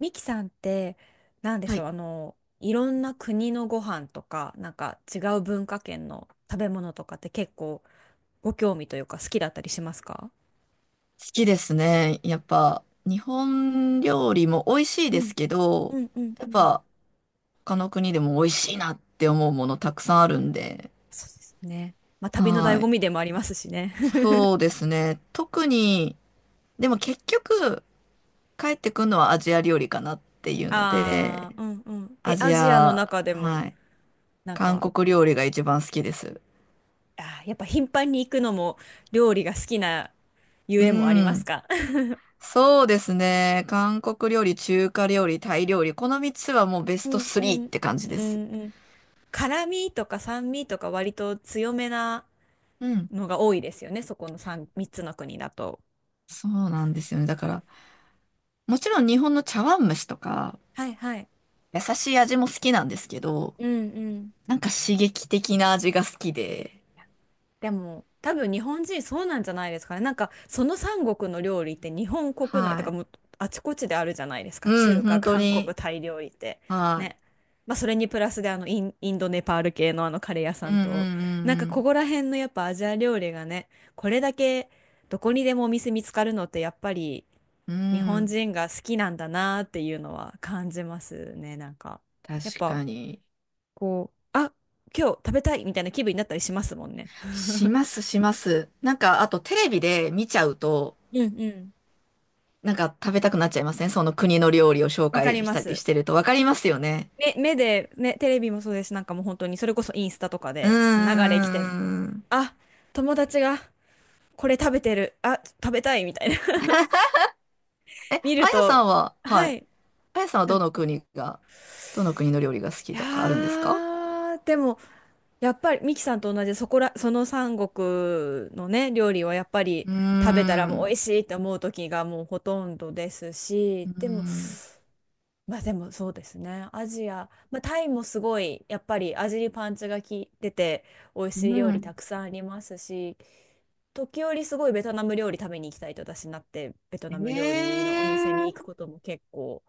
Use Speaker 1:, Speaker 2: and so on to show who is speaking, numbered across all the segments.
Speaker 1: ミキさんって、なんで
Speaker 2: は
Speaker 1: しょ
Speaker 2: い、
Speaker 1: う、
Speaker 2: 好
Speaker 1: いろんな国のご飯とか、なんか違う文化圏の食べ物とかって結構ご興味というか好きだったりしますか？
Speaker 2: きですね。やっぱ、日本料理も美味しい
Speaker 1: う
Speaker 2: で
Speaker 1: ん、
Speaker 2: すけど、
Speaker 1: うん、うん、
Speaker 2: やっ
Speaker 1: うん。
Speaker 2: ぱ、他の国でも美味しいなって思うものたくさんあるんで、
Speaker 1: そうですね。まあ、旅の醍
Speaker 2: は
Speaker 1: 醐
Speaker 2: い。
Speaker 1: 味でもありますしね。
Speaker 2: そう ですね。特に、でも結局、帰ってくるのはアジア料理かなっていうの
Speaker 1: あ
Speaker 2: で、
Speaker 1: あ、うんうん。
Speaker 2: ア
Speaker 1: え、ア
Speaker 2: ジ
Speaker 1: ジアの
Speaker 2: ア、
Speaker 1: 中でも、
Speaker 2: はい。
Speaker 1: なん
Speaker 2: 韓
Speaker 1: か、
Speaker 2: 国料理が一番好きです。
Speaker 1: あー、やっぱ頻繁に行くのも料理が好きなゆ
Speaker 2: う
Speaker 1: えもあります
Speaker 2: ん。
Speaker 1: か？
Speaker 2: そうですね。韓国料理、中華料理、タイ料理、この3つはもうベス
Speaker 1: う
Speaker 2: ト
Speaker 1: んう
Speaker 2: 3っ
Speaker 1: ん。
Speaker 2: て感じ
Speaker 1: う
Speaker 2: です。
Speaker 1: んうん。辛味とか酸味とか割と強めな
Speaker 2: うん、
Speaker 1: のが多いですよね、そこの 3つの国だと。
Speaker 2: そうなんですよね。だから、もちろん日本の茶碗蒸しとか、
Speaker 1: はいはい。
Speaker 2: 優しい味も好きなんですけど、
Speaker 1: うんうん。
Speaker 2: なんか刺激的な味が好きで、
Speaker 1: でも多分日本人そうなんじゃないですかね。なんかその三国の料理って日本国内と
Speaker 2: は
Speaker 1: か
Speaker 2: い。
Speaker 1: もあちこちであるじゃないですか。
Speaker 2: うん、
Speaker 1: 中華、
Speaker 2: 本当
Speaker 1: 韓国、
Speaker 2: に。
Speaker 1: タイ料理って。
Speaker 2: はい。
Speaker 1: ね。まあそれにプラスでインドネパール系のカレー屋さ
Speaker 2: う
Speaker 1: ん
Speaker 2: ん
Speaker 1: と、なんか
Speaker 2: う
Speaker 1: こ
Speaker 2: ん
Speaker 1: こら辺のやっぱアジア料理がね、これだけどこにでもお店見つかるのってやっぱり
Speaker 2: うんう
Speaker 1: 日
Speaker 2: ん。う
Speaker 1: 本
Speaker 2: ん。
Speaker 1: 人が好きなんだなっていうのは感じますね。なんかやっ
Speaker 2: 確
Speaker 1: ぱ
Speaker 2: かに。
Speaker 1: こう、あ、今日食べたいみたいな気分になったりしますもんね。
Speaker 2: し ます、します。なんか、あとテレビで見ちゃうと、
Speaker 1: うんうん。
Speaker 2: なんか食べたくなっちゃいません？その国の料理を紹
Speaker 1: わか
Speaker 2: 介
Speaker 1: り
Speaker 2: し
Speaker 1: ま
Speaker 2: たり
Speaker 1: す。
Speaker 2: してると。わかりますよね。
Speaker 1: 目で、ね、テレビもそうですし、なんかもう本当に、それこそインスタとか
Speaker 2: うんう
Speaker 1: で流れ来て、
Speaker 2: んうんうん。
Speaker 1: あ、友達がこれ食べてる、あ、食べたいみたいな
Speaker 2: え、
Speaker 1: 見
Speaker 2: あ
Speaker 1: る
Speaker 2: やさ
Speaker 1: と、
Speaker 2: んは、は
Speaker 1: は
Speaker 2: い。
Speaker 1: い。
Speaker 2: あやさんはどの国が、どの国の料理が好
Speaker 1: い
Speaker 2: き
Speaker 1: や
Speaker 2: とかあるんですか？
Speaker 1: ー、でも、やっぱりミキさんと同じ、そこら、その三国のね、料理はやっぱり
Speaker 2: うー
Speaker 1: 食べたらもう美
Speaker 2: ん。
Speaker 1: 味しいって思う時がもうほとんどですし、
Speaker 2: うー
Speaker 1: でも、
Speaker 2: ん。
Speaker 1: まあでもそうですね。アジア、まあ、タイもすごい、やっぱり味にパンチが効いてて、美味
Speaker 2: う
Speaker 1: しい料理
Speaker 2: ん。
Speaker 1: たくさんありますし、時折すごいベトナム料理食べに行きたいと私になって、ベト
Speaker 2: え
Speaker 1: ナム料理のお店に行く
Speaker 2: ー。
Speaker 1: ことも結構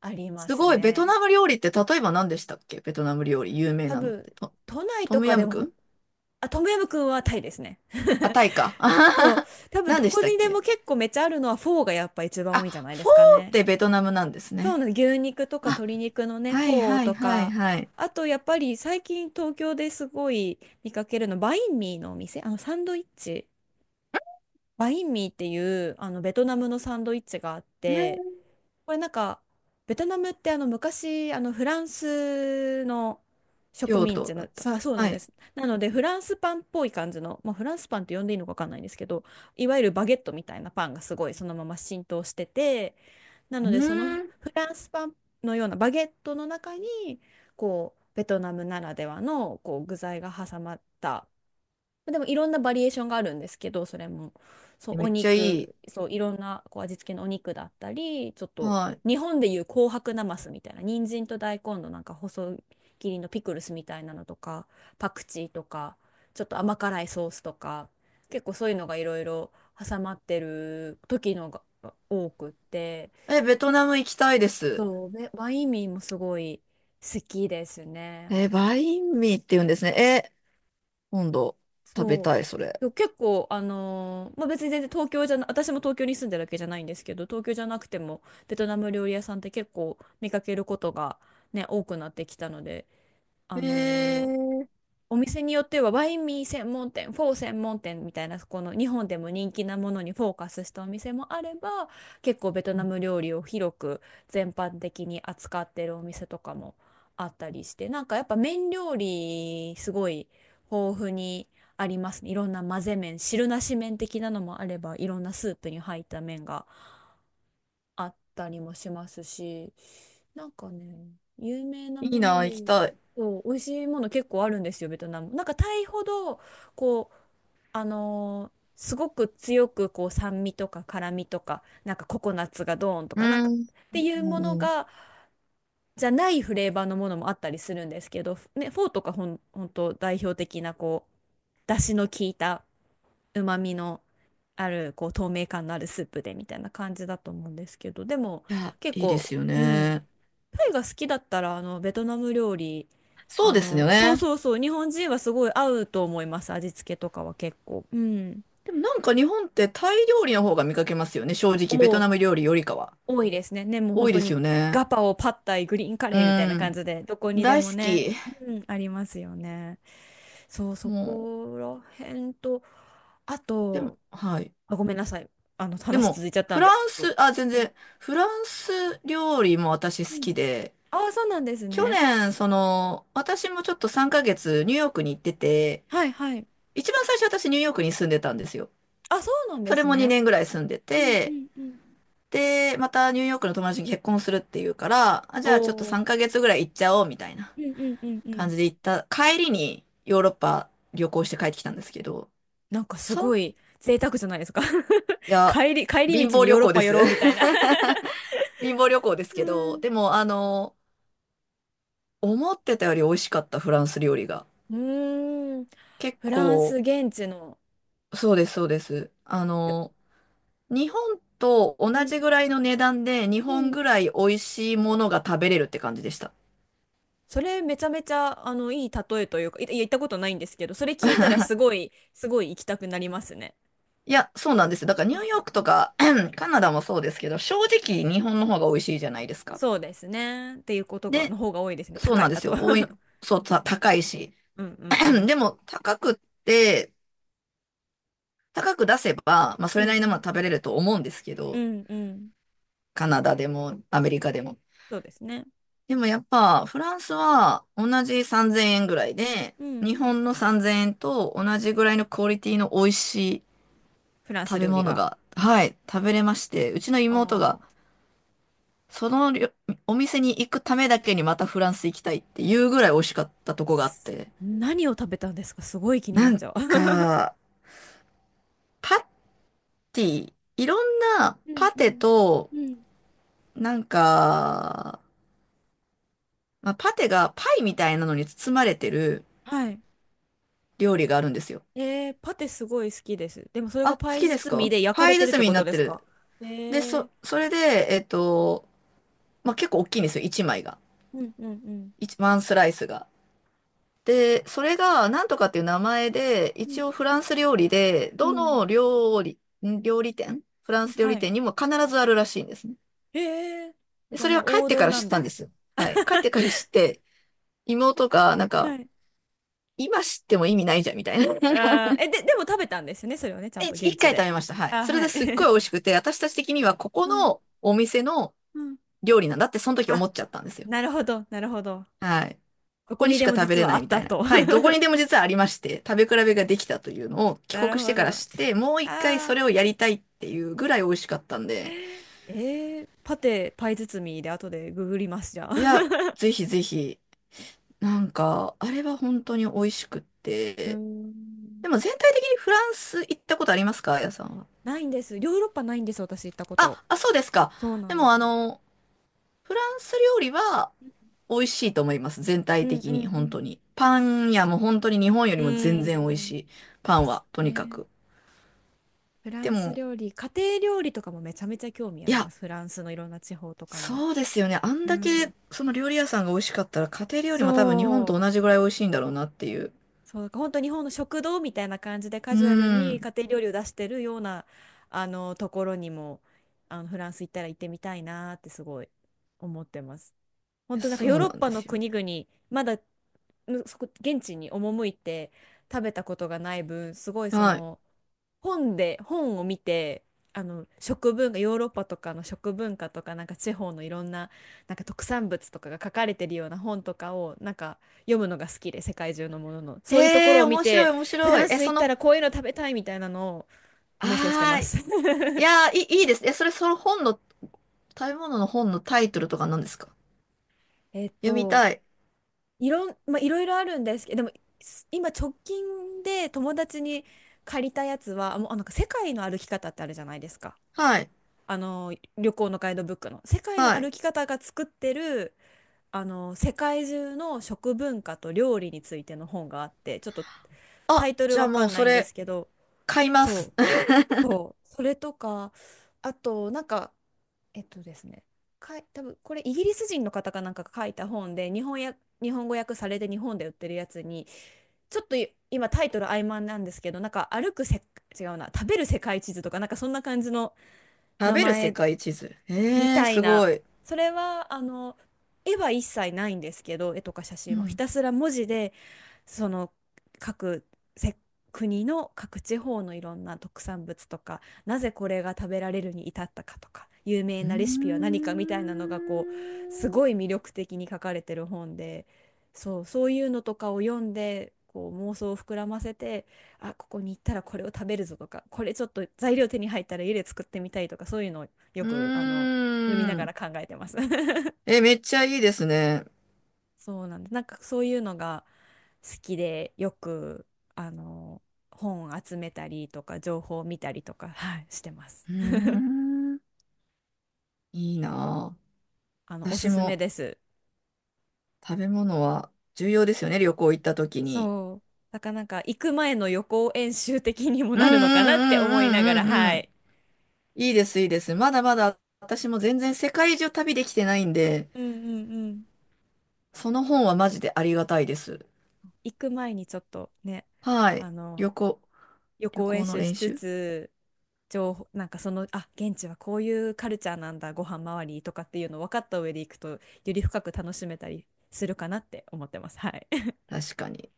Speaker 1: ありま
Speaker 2: す
Speaker 1: す
Speaker 2: ごい。ベト
Speaker 1: ね。
Speaker 2: ナム料理って例えば何でしたっけ？ベトナム料理有名
Speaker 1: 多
Speaker 2: なのっ
Speaker 1: 分、
Speaker 2: て。ト、
Speaker 1: 都内
Speaker 2: ト
Speaker 1: と
Speaker 2: ム
Speaker 1: か
Speaker 2: ヤ
Speaker 1: で
Speaker 2: ムク
Speaker 1: も、
Speaker 2: ン
Speaker 1: あ、トムヤムくんはタイですね。
Speaker 2: あ、タイか。あは
Speaker 1: そう。
Speaker 2: は。
Speaker 1: 多分
Speaker 2: 何
Speaker 1: ど
Speaker 2: でし
Speaker 1: こ
Speaker 2: たっ
Speaker 1: にでも
Speaker 2: け？
Speaker 1: 結構めっちゃあるのはフォーがやっぱ一番
Speaker 2: あ、
Speaker 1: 多いんじゃないで
Speaker 2: フォ
Speaker 1: すか
Speaker 2: ーっ
Speaker 1: ね。
Speaker 2: てベトナムなんです
Speaker 1: そう
Speaker 2: ね。
Speaker 1: なの、牛肉とか
Speaker 2: あ、
Speaker 1: 鶏肉のね、
Speaker 2: は
Speaker 1: フ
Speaker 2: い
Speaker 1: ォー
Speaker 2: はい
Speaker 1: と
Speaker 2: はい
Speaker 1: か、
Speaker 2: はい。
Speaker 1: あとやっぱり最近東京ですごい見かけるの、バインミーのお店、あのサンドイッチ、バインミーっていうベトナムのサンドイッチがあって、これなんか、ベトナムって昔、フランスの植
Speaker 2: 両
Speaker 1: 民
Speaker 2: 党
Speaker 1: 地
Speaker 2: だ
Speaker 1: の、
Speaker 2: った。
Speaker 1: さ、そうな
Speaker 2: は
Speaker 1: んで
Speaker 2: い。
Speaker 1: す。なのでフランスパンっぽい感じの、まあ、フランスパンって呼んでいいのかわかんないんですけど、いわゆるバゲットみたいなパンがすごいそのまま浸透してて、な
Speaker 2: う
Speaker 1: のでその
Speaker 2: ーん。
Speaker 1: フランスパンのようなバゲットの中にこうベトナムならではのこう具材が挟まった、でもいろんなバリエーションがあるんですけど、それもそ
Speaker 2: え、
Speaker 1: う
Speaker 2: め
Speaker 1: お
Speaker 2: っちゃいい。
Speaker 1: 肉、そういろんなこう味付けのお肉だったり、ちょっと
Speaker 2: はい。
Speaker 1: 日本でいう紅白なますみたいな人参と大根のなんか細切りのピクルスみたいなのとか、パクチーとか、ちょっと甘辛いソースとか、結構そういうのがいろいろ挟まってる時のが多くって。
Speaker 2: え、ベトナム行きたいです。
Speaker 1: そう、バインミーもすごい好きですね。
Speaker 2: えー、バインミーって言うんですね。えー、今度食べ
Speaker 1: そ
Speaker 2: たい、それ。
Speaker 1: う。で結構、まあ、別に全然東京じゃな、私も東京に住んでるわけじゃないんですけど、東京じゃなくてもベトナム料理屋さんって結構見かけることがね、多くなってきたので、あ
Speaker 2: え
Speaker 1: のー
Speaker 2: ー、
Speaker 1: お店によってはワインミー専門店、フォー専門店みたいな、この日本でも人気なものにフォーカスしたお店もあれば、結構ベトナム料理を広く全般的に扱ってるお店とかもあったりして、なんかやっぱ麺料理すごい豊富にありますね。いろんな混ぜ麺、汁なし麺的なのもあれば、いろんなスープに入った麺があったりもしますし、なんかね、有名な
Speaker 2: いい
Speaker 1: も
Speaker 2: な、
Speaker 1: ので
Speaker 2: 行き
Speaker 1: 言う
Speaker 2: た
Speaker 1: と、
Speaker 2: い。
Speaker 1: そう、美味しいもの結構あるんですよ、ベトナム。なんかタイほど、こう、すごく強くこう酸味とか辛味とか、なんかココナッツがドーンと
Speaker 2: う
Speaker 1: か、なんか
Speaker 2: ん。
Speaker 1: っていうもの
Speaker 2: うん。い
Speaker 1: が、じゃないフレーバーのものもあったりするんですけど、ね、フォーとかほんと代表的なこう、出汁の効いた、うまみのある、こう透明感のあるスープでみたいな感じだと思うんですけど、でも
Speaker 2: や、
Speaker 1: 結
Speaker 2: いいで
Speaker 1: 構、
Speaker 2: すよ
Speaker 1: うん、
Speaker 2: ね。
Speaker 1: タイが好きだったらあのベトナム料理、
Speaker 2: そう
Speaker 1: あ
Speaker 2: ですよ
Speaker 1: のそう
Speaker 2: ね。
Speaker 1: そうそう、日本人はすごい合うと思います、味付けとかは結構。うん。
Speaker 2: でもなんか日本ってタイ料理の方が見かけますよね。正直、ベト
Speaker 1: お、
Speaker 2: ナム料理よりかは。
Speaker 1: 多いですね、ね、もう本
Speaker 2: 多い
Speaker 1: 当
Speaker 2: です
Speaker 1: に。
Speaker 2: よね。
Speaker 1: ガパオ、パッタイ、グリーンカ
Speaker 2: う
Speaker 1: レーみたいな感
Speaker 2: ん。
Speaker 1: じでどこにで
Speaker 2: 大好
Speaker 1: もね、
Speaker 2: き。
Speaker 1: うん、ありますよね。そうそ
Speaker 2: もう、
Speaker 1: こら辺と、あ
Speaker 2: で
Speaker 1: と、
Speaker 2: も、はい。
Speaker 1: あ、ごめんなさい。あの、
Speaker 2: で
Speaker 1: 話
Speaker 2: も、
Speaker 1: 続いちゃった
Speaker 2: フ
Speaker 1: んです
Speaker 2: ラン
Speaker 1: けど。
Speaker 2: ス、あ、全
Speaker 1: うん
Speaker 2: 然、フランス料理も私
Speaker 1: う
Speaker 2: 好
Speaker 1: ん。
Speaker 2: きで、
Speaker 1: ああ、そうなんです
Speaker 2: 去
Speaker 1: ね。
Speaker 2: 年、私もちょっと3ヶ月ニューヨークに行ってて、
Speaker 1: はいはい。
Speaker 2: 一番最初私ニューヨークに住んでたんですよ。
Speaker 1: あ、そうなん
Speaker 2: そ
Speaker 1: で
Speaker 2: れ
Speaker 1: す
Speaker 2: も
Speaker 1: ね。
Speaker 2: 2年ぐらい住んで
Speaker 1: うんう
Speaker 2: て、
Speaker 1: んうん。
Speaker 2: で、またニューヨークの友達に結婚するっていうから、あ、じ
Speaker 1: お
Speaker 2: ゃあちょっと
Speaker 1: お。
Speaker 2: 3ヶ月ぐらい行っちゃおうみたいな
Speaker 1: うんうんうんう
Speaker 2: 感
Speaker 1: ん。
Speaker 2: じで行った。帰りにヨーロッパ旅行して帰ってきたんですけど、
Speaker 1: なんかす
Speaker 2: い
Speaker 1: ごい贅沢じゃないですか？
Speaker 2: や、
Speaker 1: 帰り
Speaker 2: 貧
Speaker 1: 道
Speaker 2: 乏
Speaker 1: にヨ
Speaker 2: 旅
Speaker 1: ーロッ
Speaker 2: 行で
Speaker 1: パ寄
Speaker 2: す。
Speaker 1: ろうみたいな。
Speaker 2: 貧乏旅行です
Speaker 1: う
Speaker 2: けど、
Speaker 1: ん。
Speaker 2: でも、思ってたより美味しかったフランス料理が。
Speaker 1: うーん。
Speaker 2: 結
Speaker 1: フランス
Speaker 2: 構、
Speaker 1: 現地の。
Speaker 2: そうです、そうです。
Speaker 1: いや。
Speaker 2: 日本と同
Speaker 1: うん
Speaker 2: じぐらいの値段で、日
Speaker 1: う
Speaker 2: 本
Speaker 1: ん。
Speaker 2: ぐらい美味しいものが食べれるって感じでした。
Speaker 1: それめちゃめちゃあのいい例えというか、いや行ったことないんですけど、それ聞いたらすごい行きたくなりますね。
Speaker 2: いや、そうなんですよ。だからニ
Speaker 1: う
Speaker 2: ューヨークと
Speaker 1: ん。
Speaker 2: か カナダもそうですけど、正直日本の方が美味しいじゃないですか。
Speaker 1: そうですね。っていうことが、の
Speaker 2: で、
Speaker 1: 方が多いですね。
Speaker 2: そう
Speaker 1: 高
Speaker 2: なん
Speaker 1: い。
Speaker 2: で
Speaker 1: あ
Speaker 2: す
Speaker 1: と
Speaker 2: よ。おい、そう、高いし。
Speaker 1: うんうんう ん。
Speaker 2: でも、高くって、高く出せば、まあ、そ
Speaker 1: う
Speaker 2: れ
Speaker 1: んう
Speaker 2: なりのものは
Speaker 1: ん
Speaker 2: 食べれると思うんですけ
Speaker 1: う
Speaker 2: ど、
Speaker 1: んうん。
Speaker 2: カナダでも、アメリカでも。
Speaker 1: そうですね。
Speaker 2: でもやっぱフランスは同じ3000円ぐらいで、
Speaker 1: う
Speaker 2: 日
Speaker 1: ん。
Speaker 2: 本の3000円と同じぐらいのクオリティの美味しい
Speaker 1: フランス
Speaker 2: 食べ
Speaker 1: 料理
Speaker 2: 物
Speaker 1: が。
Speaker 2: が、はい、食べれまして、うちの妹が
Speaker 1: ああ、
Speaker 2: そのりょお店に行くためだけにまたフランス行きたいっていうぐらい美味しかったとこがあって。
Speaker 1: 何を食べたんですか？すごい気に
Speaker 2: な
Speaker 1: なっ
Speaker 2: ん
Speaker 1: ちゃう。
Speaker 2: か、パティ、いろんな
Speaker 1: うん
Speaker 2: パ
Speaker 1: う
Speaker 2: テ
Speaker 1: ん
Speaker 2: と、
Speaker 1: うん。
Speaker 2: なんか、まあ、パテがパイみたいなのに包まれてる
Speaker 1: はい。
Speaker 2: 料理があるんですよ。
Speaker 1: えー、パテすごい好きです。でもそれが
Speaker 2: あ、好
Speaker 1: パイ
Speaker 2: きです
Speaker 1: 包み
Speaker 2: か？
Speaker 1: で焼か
Speaker 2: パ
Speaker 1: れ
Speaker 2: イ
Speaker 1: てるっ
Speaker 2: 包
Speaker 1: て
Speaker 2: みに
Speaker 1: こ
Speaker 2: な
Speaker 1: と
Speaker 2: っ
Speaker 1: で
Speaker 2: て
Speaker 1: すか？
Speaker 2: る。
Speaker 1: え
Speaker 2: で、
Speaker 1: ー、
Speaker 2: それで、まあ、結構大きいんですよ、1枚が。
Speaker 1: うんうんうん。
Speaker 2: 1、ワンスライスが。で、それが、なんとかっていう名前で、
Speaker 1: う
Speaker 2: 一
Speaker 1: ん
Speaker 2: 応フランス料理で、
Speaker 1: う
Speaker 2: ど
Speaker 1: ん。
Speaker 2: の料理、料理店フランス料
Speaker 1: は
Speaker 2: 理
Speaker 1: い。
Speaker 2: 店にも必ずあるらしいんですね。
Speaker 1: えー、
Speaker 2: で
Speaker 1: じゃ
Speaker 2: そ
Speaker 1: あ
Speaker 2: れ
Speaker 1: もう
Speaker 2: は帰っ
Speaker 1: 王
Speaker 2: てか
Speaker 1: 道
Speaker 2: ら
Speaker 1: な
Speaker 2: 知っ
Speaker 1: ん
Speaker 2: たんで
Speaker 1: だ。
Speaker 2: すよ。はい。帰ってから知って、妹が、なんか、
Speaker 1: はい。
Speaker 2: 今知っても意味ないじゃん、みたいな。
Speaker 1: あー、え、でも食べたんですよね、それをね、ちゃん
Speaker 2: で、
Speaker 1: と
Speaker 2: 一
Speaker 1: 現
Speaker 2: 一
Speaker 1: 地
Speaker 2: 回食
Speaker 1: で。
Speaker 2: べました。はい。
Speaker 1: あ、
Speaker 2: それ
Speaker 1: は
Speaker 2: で
Speaker 1: い。
Speaker 2: すっごい 美味しくて、私たち的にはここ
Speaker 1: うん、
Speaker 2: のお店の
Speaker 1: うん。
Speaker 2: 料理なんだって、その時思
Speaker 1: あ、
Speaker 2: っちゃったんですよ。
Speaker 1: なるほど、なるほど。
Speaker 2: はい。こ
Speaker 1: どこ
Speaker 2: こに
Speaker 1: に
Speaker 2: し
Speaker 1: で
Speaker 2: か
Speaker 1: も
Speaker 2: 食べ
Speaker 1: 実
Speaker 2: れ
Speaker 1: は
Speaker 2: な
Speaker 1: あ
Speaker 2: い
Speaker 1: っ
Speaker 2: みた
Speaker 1: た
Speaker 2: いな。
Speaker 1: と。
Speaker 2: はい。どこにでも実はありまして、食べ比べができたというのを 帰
Speaker 1: なる
Speaker 2: 国して
Speaker 1: ほど。
Speaker 2: から
Speaker 1: あ
Speaker 2: して、もう一回そ
Speaker 1: あ、
Speaker 2: れをやりたいっていうぐらい美味しかったんで、
Speaker 1: えー、パテ、パイ包みで後でググります、じゃあ。
Speaker 2: いや、ぜひぜひ、なんか、あれは本当に美味しくっ
Speaker 1: うー
Speaker 2: て。
Speaker 1: ん。
Speaker 2: でも全体的にフランス行ったことありますか？あやさんは。
Speaker 1: ないんです。ヨーロッパないんです、私行ったこと。
Speaker 2: あ、あ、そうですか。
Speaker 1: そうな
Speaker 2: で
Speaker 1: んで
Speaker 2: も
Speaker 1: す。
Speaker 2: フランス料理は美味しいと思います。全
Speaker 1: う
Speaker 2: 体
Speaker 1: んう
Speaker 2: 的に、
Speaker 1: んう
Speaker 2: 本
Speaker 1: ん。
Speaker 2: 当に。パン屋も本当に日本よ
Speaker 1: う
Speaker 2: りも全然美味
Speaker 1: ー
Speaker 2: し
Speaker 1: ん。
Speaker 2: い。パ
Speaker 1: で
Speaker 2: ンは、
Speaker 1: す
Speaker 2: と
Speaker 1: よ
Speaker 2: にか
Speaker 1: ね。
Speaker 2: く。
Speaker 1: フラ
Speaker 2: で
Speaker 1: ンス
Speaker 2: も、
Speaker 1: 料理、家庭料理とかもめちゃめちゃ興味あ
Speaker 2: い
Speaker 1: りま
Speaker 2: や、
Speaker 1: す。フランスのいろんな地方とかの。
Speaker 2: そうですよね。あん
Speaker 1: う
Speaker 2: だけ、
Speaker 1: ん。
Speaker 2: その料理屋さんが美味しかったら、家庭料理も多分日本
Speaker 1: そう、
Speaker 2: と同じぐらい美味しいんだろうなっていう。
Speaker 1: そう、なんか本当日本の食堂みたいな感じでカ
Speaker 2: う
Speaker 1: ジュアルに
Speaker 2: ん。
Speaker 1: 家庭料理を出してるようなあのところにも、あのフランス行ったら行ってみたいなってすごい思ってます。本
Speaker 2: いや、
Speaker 1: 当なんか
Speaker 2: そ
Speaker 1: ヨー
Speaker 2: う
Speaker 1: ロ
Speaker 2: な
Speaker 1: ッ
Speaker 2: ん
Speaker 1: パ
Speaker 2: で
Speaker 1: の
Speaker 2: すよ。
Speaker 1: 国々、まだ、そこ現地に赴いて食べたことがない分、すごいそ
Speaker 2: はい。
Speaker 1: の、本を見て、あの食文化、ヨーロッパとかの食文化とか、なんか地方のいろんな、なんか特産物とかが書かれてるような本とかをなんか読むのが好きで、世界中のもののそういうとこ
Speaker 2: ええ
Speaker 1: ろを
Speaker 2: ー、
Speaker 1: 見
Speaker 2: 面白い、
Speaker 1: て、
Speaker 2: 面
Speaker 1: フ
Speaker 2: 白
Speaker 1: ラ
Speaker 2: い。
Speaker 1: ン
Speaker 2: え、
Speaker 1: ス
Speaker 2: そ
Speaker 1: 行った
Speaker 2: の、
Speaker 1: らこういうの食べたいみたいなのを妄想して
Speaker 2: あ
Speaker 1: ま
Speaker 2: ーい。
Speaker 1: す。
Speaker 2: い やー、いいです。え、それ、その本の、食べ物の本のタイトルとか何ですか？
Speaker 1: えっ
Speaker 2: 読み
Speaker 1: と、
Speaker 2: たい。
Speaker 1: いろん、まあ、いろいろあるんですけど、でも、今直近で友達に借りたやつは、もうあなんか世界の歩き方ってあるじゃないですか。
Speaker 2: はい。
Speaker 1: あの、旅行のガイドブックの。世界の
Speaker 2: は
Speaker 1: 歩
Speaker 2: い。
Speaker 1: き方が作ってる、世界中の食文化と料理についての本があって、ちょっとタ
Speaker 2: あ、
Speaker 1: イトル
Speaker 2: じゃあ
Speaker 1: わか
Speaker 2: もう
Speaker 1: んな
Speaker 2: そ
Speaker 1: いんです
Speaker 2: れ、
Speaker 1: けど、
Speaker 2: 買います。
Speaker 1: そう、そう、それとか、あと、なんか、えっとですね、かい、多分これイギリス人の方かなんかが書いた本で、日本や、日本語訳されて日本で売ってるやつに、ちょっと今タイトル曖昧なんですけどなんか歩くせ違うな、食べる世界地図とかなんかそんな感じの
Speaker 2: 食
Speaker 1: 名
Speaker 2: べる世
Speaker 1: 前
Speaker 2: 界地図。
Speaker 1: み
Speaker 2: ええー、
Speaker 1: たい
Speaker 2: す
Speaker 1: な。
Speaker 2: ごい。
Speaker 1: それは絵は一切ないんですけど、絵とか写
Speaker 2: う
Speaker 1: 真はひ
Speaker 2: ん。
Speaker 1: たすら文字で、その各せ国の各地方のいろんな特産物とか、なぜこれが食べられるに至ったかとか、有名
Speaker 2: うー
Speaker 1: なレシピは何かみたいなのがこうす
Speaker 2: ん。
Speaker 1: ごい魅力的に書かれてる本で、そう、そういうのとかを読んでこう妄想を膨らませて、あ、ここに行ったらこれを食べるぞとか、これちょっと材料手に入ったら家で作ってみたいとか、そういうのをよく
Speaker 2: う
Speaker 1: 読みな
Speaker 2: ー
Speaker 1: が
Speaker 2: ん。
Speaker 1: ら考えてます。
Speaker 2: え、めっちゃいいですね。
Speaker 1: そうなんです。なんかそういうのが好きでよくあの本集めたりとか情報を見たりとか、はい、してます。
Speaker 2: うーん。いいな
Speaker 1: あの
Speaker 2: ぁ。
Speaker 1: おす
Speaker 2: 私
Speaker 1: すめ
Speaker 2: も
Speaker 1: です。
Speaker 2: 食べ物は重要ですよね、旅行行った時に。
Speaker 1: そう。だからなんか行く前の予行演習的にも
Speaker 2: うんう
Speaker 1: なるのかなって思いなが
Speaker 2: んうんう
Speaker 1: ら、
Speaker 2: んうんう
Speaker 1: は
Speaker 2: ん。
Speaker 1: い。
Speaker 2: いいです、いいです。まだまだ私も全然世界中旅できてないんで、
Speaker 1: うんうんうん。
Speaker 2: その本はマジでありがたいです。
Speaker 1: 行く前にちょっとね、
Speaker 2: はい。
Speaker 1: あの
Speaker 2: 旅行、
Speaker 1: 予
Speaker 2: 旅
Speaker 1: 行演
Speaker 2: 行の
Speaker 1: 習し
Speaker 2: 練
Speaker 1: つ
Speaker 2: 習
Speaker 1: つ情報、なんかその現地はこういうカルチャーなんだ、ご飯周りとかっていうのを分かった上で行くとより深く楽しめたりするかなって思ってます。はい。
Speaker 2: 確かに。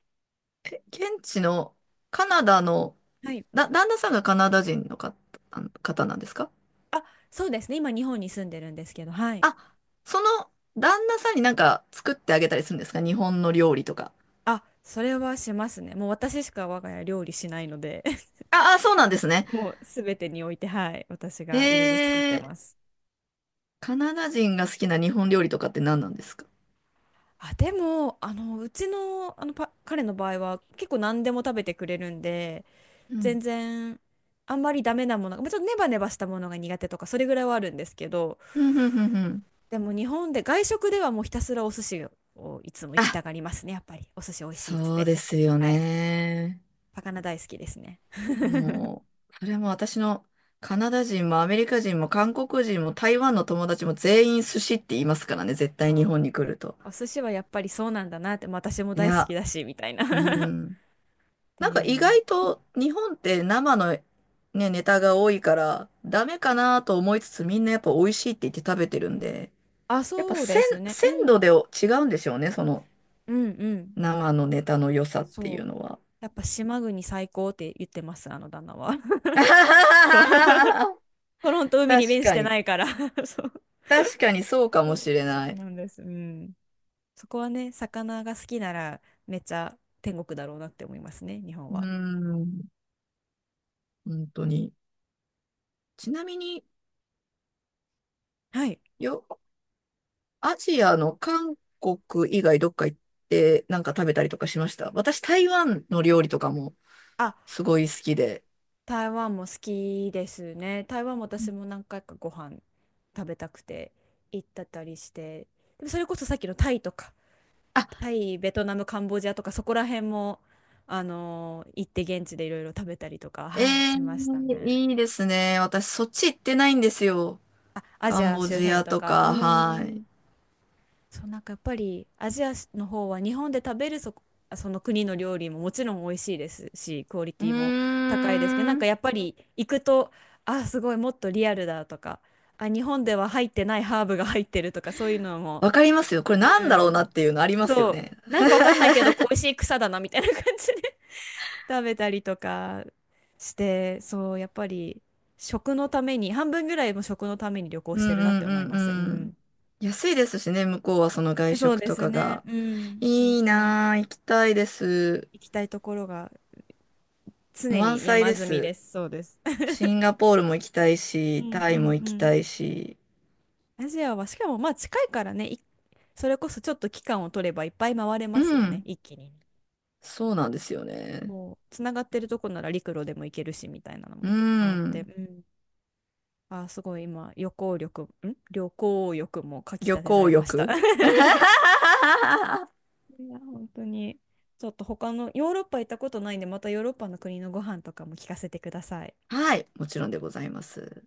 Speaker 2: 現地のカナダの、
Speaker 1: はい。
Speaker 2: 旦那さんがカナダ人の方、あの方なんですか？
Speaker 1: あ、そうですね。今日本に住んでるんですけど、はい。
Speaker 2: あ、その旦那さんになんか作ってあげたりするんですか？日本の料理とか。
Speaker 1: あ、それはしますね。もう私しか我が家料理しないので、
Speaker 2: ああ、そうなんですね。
Speaker 1: もう全てにおいて、はい、私
Speaker 2: へ
Speaker 1: がいろいろ作って
Speaker 2: え、
Speaker 1: ます。
Speaker 2: カナダ人が好きな日本料理とかって何なんですか？
Speaker 1: あ、でも、あの、うちの、あのパ、彼の場合は結構何でも食べてくれるんで、
Speaker 2: う
Speaker 1: 全
Speaker 2: ん。
Speaker 1: 然あんまりダメなものが、まあちょっとネバネバしたものが苦手とかそれぐらいはあるんですけど、
Speaker 2: うん、うん、うん、うん。
Speaker 1: でも日本で外食ではもうひたすらお寿司をいつも行き
Speaker 2: あ、
Speaker 1: たがりますね、やっぱり。お寿司美味しいっつっ
Speaker 2: そう
Speaker 1: て。
Speaker 2: ですよ
Speaker 1: はい。
Speaker 2: ね。
Speaker 1: 魚大好きですね。
Speaker 2: もう、それも私のカナダ人もアメリカ人も韓国人も台湾の友達も全員寿司って言いますからね。絶対日
Speaker 1: そ
Speaker 2: 本に来ると。
Speaker 1: う。お寿司はやっぱりそうなんだなって、まあ私も
Speaker 2: い
Speaker 1: 大好き
Speaker 2: や、
Speaker 1: だし、みたいな
Speaker 2: う
Speaker 1: っ
Speaker 2: ん。
Speaker 1: て
Speaker 2: なん
Speaker 1: い
Speaker 2: か
Speaker 1: う
Speaker 2: 意
Speaker 1: のは。
Speaker 2: 外と日本って生のね、ネタが多いからダメかなと思いつつみんなやっぱ美味しいって言って食べてるんで、
Speaker 1: あ、
Speaker 2: やっぱ
Speaker 1: そうで
Speaker 2: 鮮、
Speaker 1: すね。う
Speaker 2: 鮮度
Speaker 1: ん。
Speaker 2: で違うんでしょうね、その
Speaker 1: うんうん。
Speaker 2: 生のネタの良さっていう
Speaker 1: そう。
Speaker 2: のは。
Speaker 1: やっぱ島国最高って言ってます、あの旦那は。そう。トロント海に
Speaker 2: 確
Speaker 1: 面し
Speaker 2: か
Speaker 1: て
Speaker 2: に。
Speaker 1: ないから。 そう。
Speaker 2: 確かにそうか
Speaker 1: そ
Speaker 2: も
Speaker 1: う
Speaker 2: しれ
Speaker 1: そ
Speaker 2: な
Speaker 1: う
Speaker 2: い。
Speaker 1: なんです。うん。そこはね、魚が好きならめっちゃ天国だろうなって思いますね、日本
Speaker 2: うー
Speaker 1: は。
Speaker 2: ん、本当に。ちなみに、
Speaker 1: はい。
Speaker 2: よ、アジアの韓国以外どっか行ってなんか食べたりとかしました？私台湾の料理とかも
Speaker 1: あ、
Speaker 2: すごい好きで。
Speaker 1: 台湾も好きですね。台湾も私も何回かご飯食べたくて行ったたりして。でもそれこそさっきのタイとか、タイ、ベトナム、カンボジアとかそこら辺も、行って現地でいろいろ食べたりとか、
Speaker 2: え
Speaker 1: はい、
Speaker 2: え
Speaker 1: し
Speaker 2: ー、
Speaker 1: ましたね。
Speaker 2: いいですね。私、そっち行ってないんですよ。
Speaker 1: あ、ア
Speaker 2: カ
Speaker 1: ジ
Speaker 2: ン
Speaker 1: ア
Speaker 2: ボ
Speaker 1: 周
Speaker 2: ジ
Speaker 1: 辺
Speaker 2: ア
Speaker 1: と
Speaker 2: と
Speaker 1: か、う
Speaker 2: か、はい。
Speaker 1: ん。そう、なんかやっぱりアジアの方は日本で食べるその国の料理ももちろん美味しいですし、クオリ
Speaker 2: う
Speaker 1: テ
Speaker 2: ー
Speaker 1: ィも高いですけど、なんか
Speaker 2: ん。
Speaker 1: やっぱり行くと、あ、すごいもっとリアルだとか、あ、日本では入ってないハーブが入ってるとか、そういうのも、
Speaker 2: わかりますよ。これ
Speaker 1: う
Speaker 2: なんだろうな
Speaker 1: ん、
Speaker 2: っていうのありますよ
Speaker 1: そう、
Speaker 2: ね。
Speaker 1: なんかわかんないけど、美味しい草だなみたいな感じで 食べたりとかして、そう、やっぱり食のために、半分ぐらいも食のために旅行
Speaker 2: うん
Speaker 1: してるなっ
Speaker 2: う
Speaker 1: て
Speaker 2: ん
Speaker 1: 思い
Speaker 2: うん
Speaker 1: ます。う
Speaker 2: うん。
Speaker 1: ん。
Speaker 2: 安いですしね、向こうはその外
Speaker 1: そう
Speaker 2: 食
Speaker 1: で
Speaker 2: と
Speaker 1: す
Speaker 2: か
Speaker 1: ね。
Speaker 2: が。
Speaker 1: うん。そう
Speaker 2: いい
Speaker 1: そう。
Speaker 2: なぁ、行きたいです。
Speaker 1: 行きたいところが常
Speaker 2: 満
Speaker 1: に
Speaker 2: 載
Speaker 1: 山
Speaker 2: で
Speaker 1: 積み
Speaker 2: す。
Speaker 1: です。そうです。
Speaker 2: シンガポールも行きたい
Speaker 1: う
Speaker 2: し、
Speaker 1: ん
Speaker 2: タ
Speaker 1: う
Speaker 2: イも
Speaker 1: んう
Speaker 2: 行き
Speaker 1: ん。
Speaker 2: たいし。
Speaker 1: アジアは、しかもまあ近いからね、それこそちょっと期間を取ればいっぱい回れ
Speaker 2: う
Speaker 1: ますよね、
Speaker 2: ん。
Speaker 1: 一気に。
Speaker 2: そうなんですよね。
Speaker 1: もう、つながってるとこなら陸路でも行けるし、みたいなの
Speaker 2: う
Speaker 1: もあって、
Speaker 2: ん。
Speaker 1: うん。あー、すごい今、旅行欲もかき
Speaker 2: 旅
Speaker 1: たてら
Speaker 2: 行
Speaker 1: れ
Speaker 2: 欲。
Speaker 1: ました。いや、本当に。ちょっと他の、ヨーロッパ行ったことないんで、またヨーロッパの国のご飯とかも聞かせてください。
Speaker 2: はい、もちろんでございます。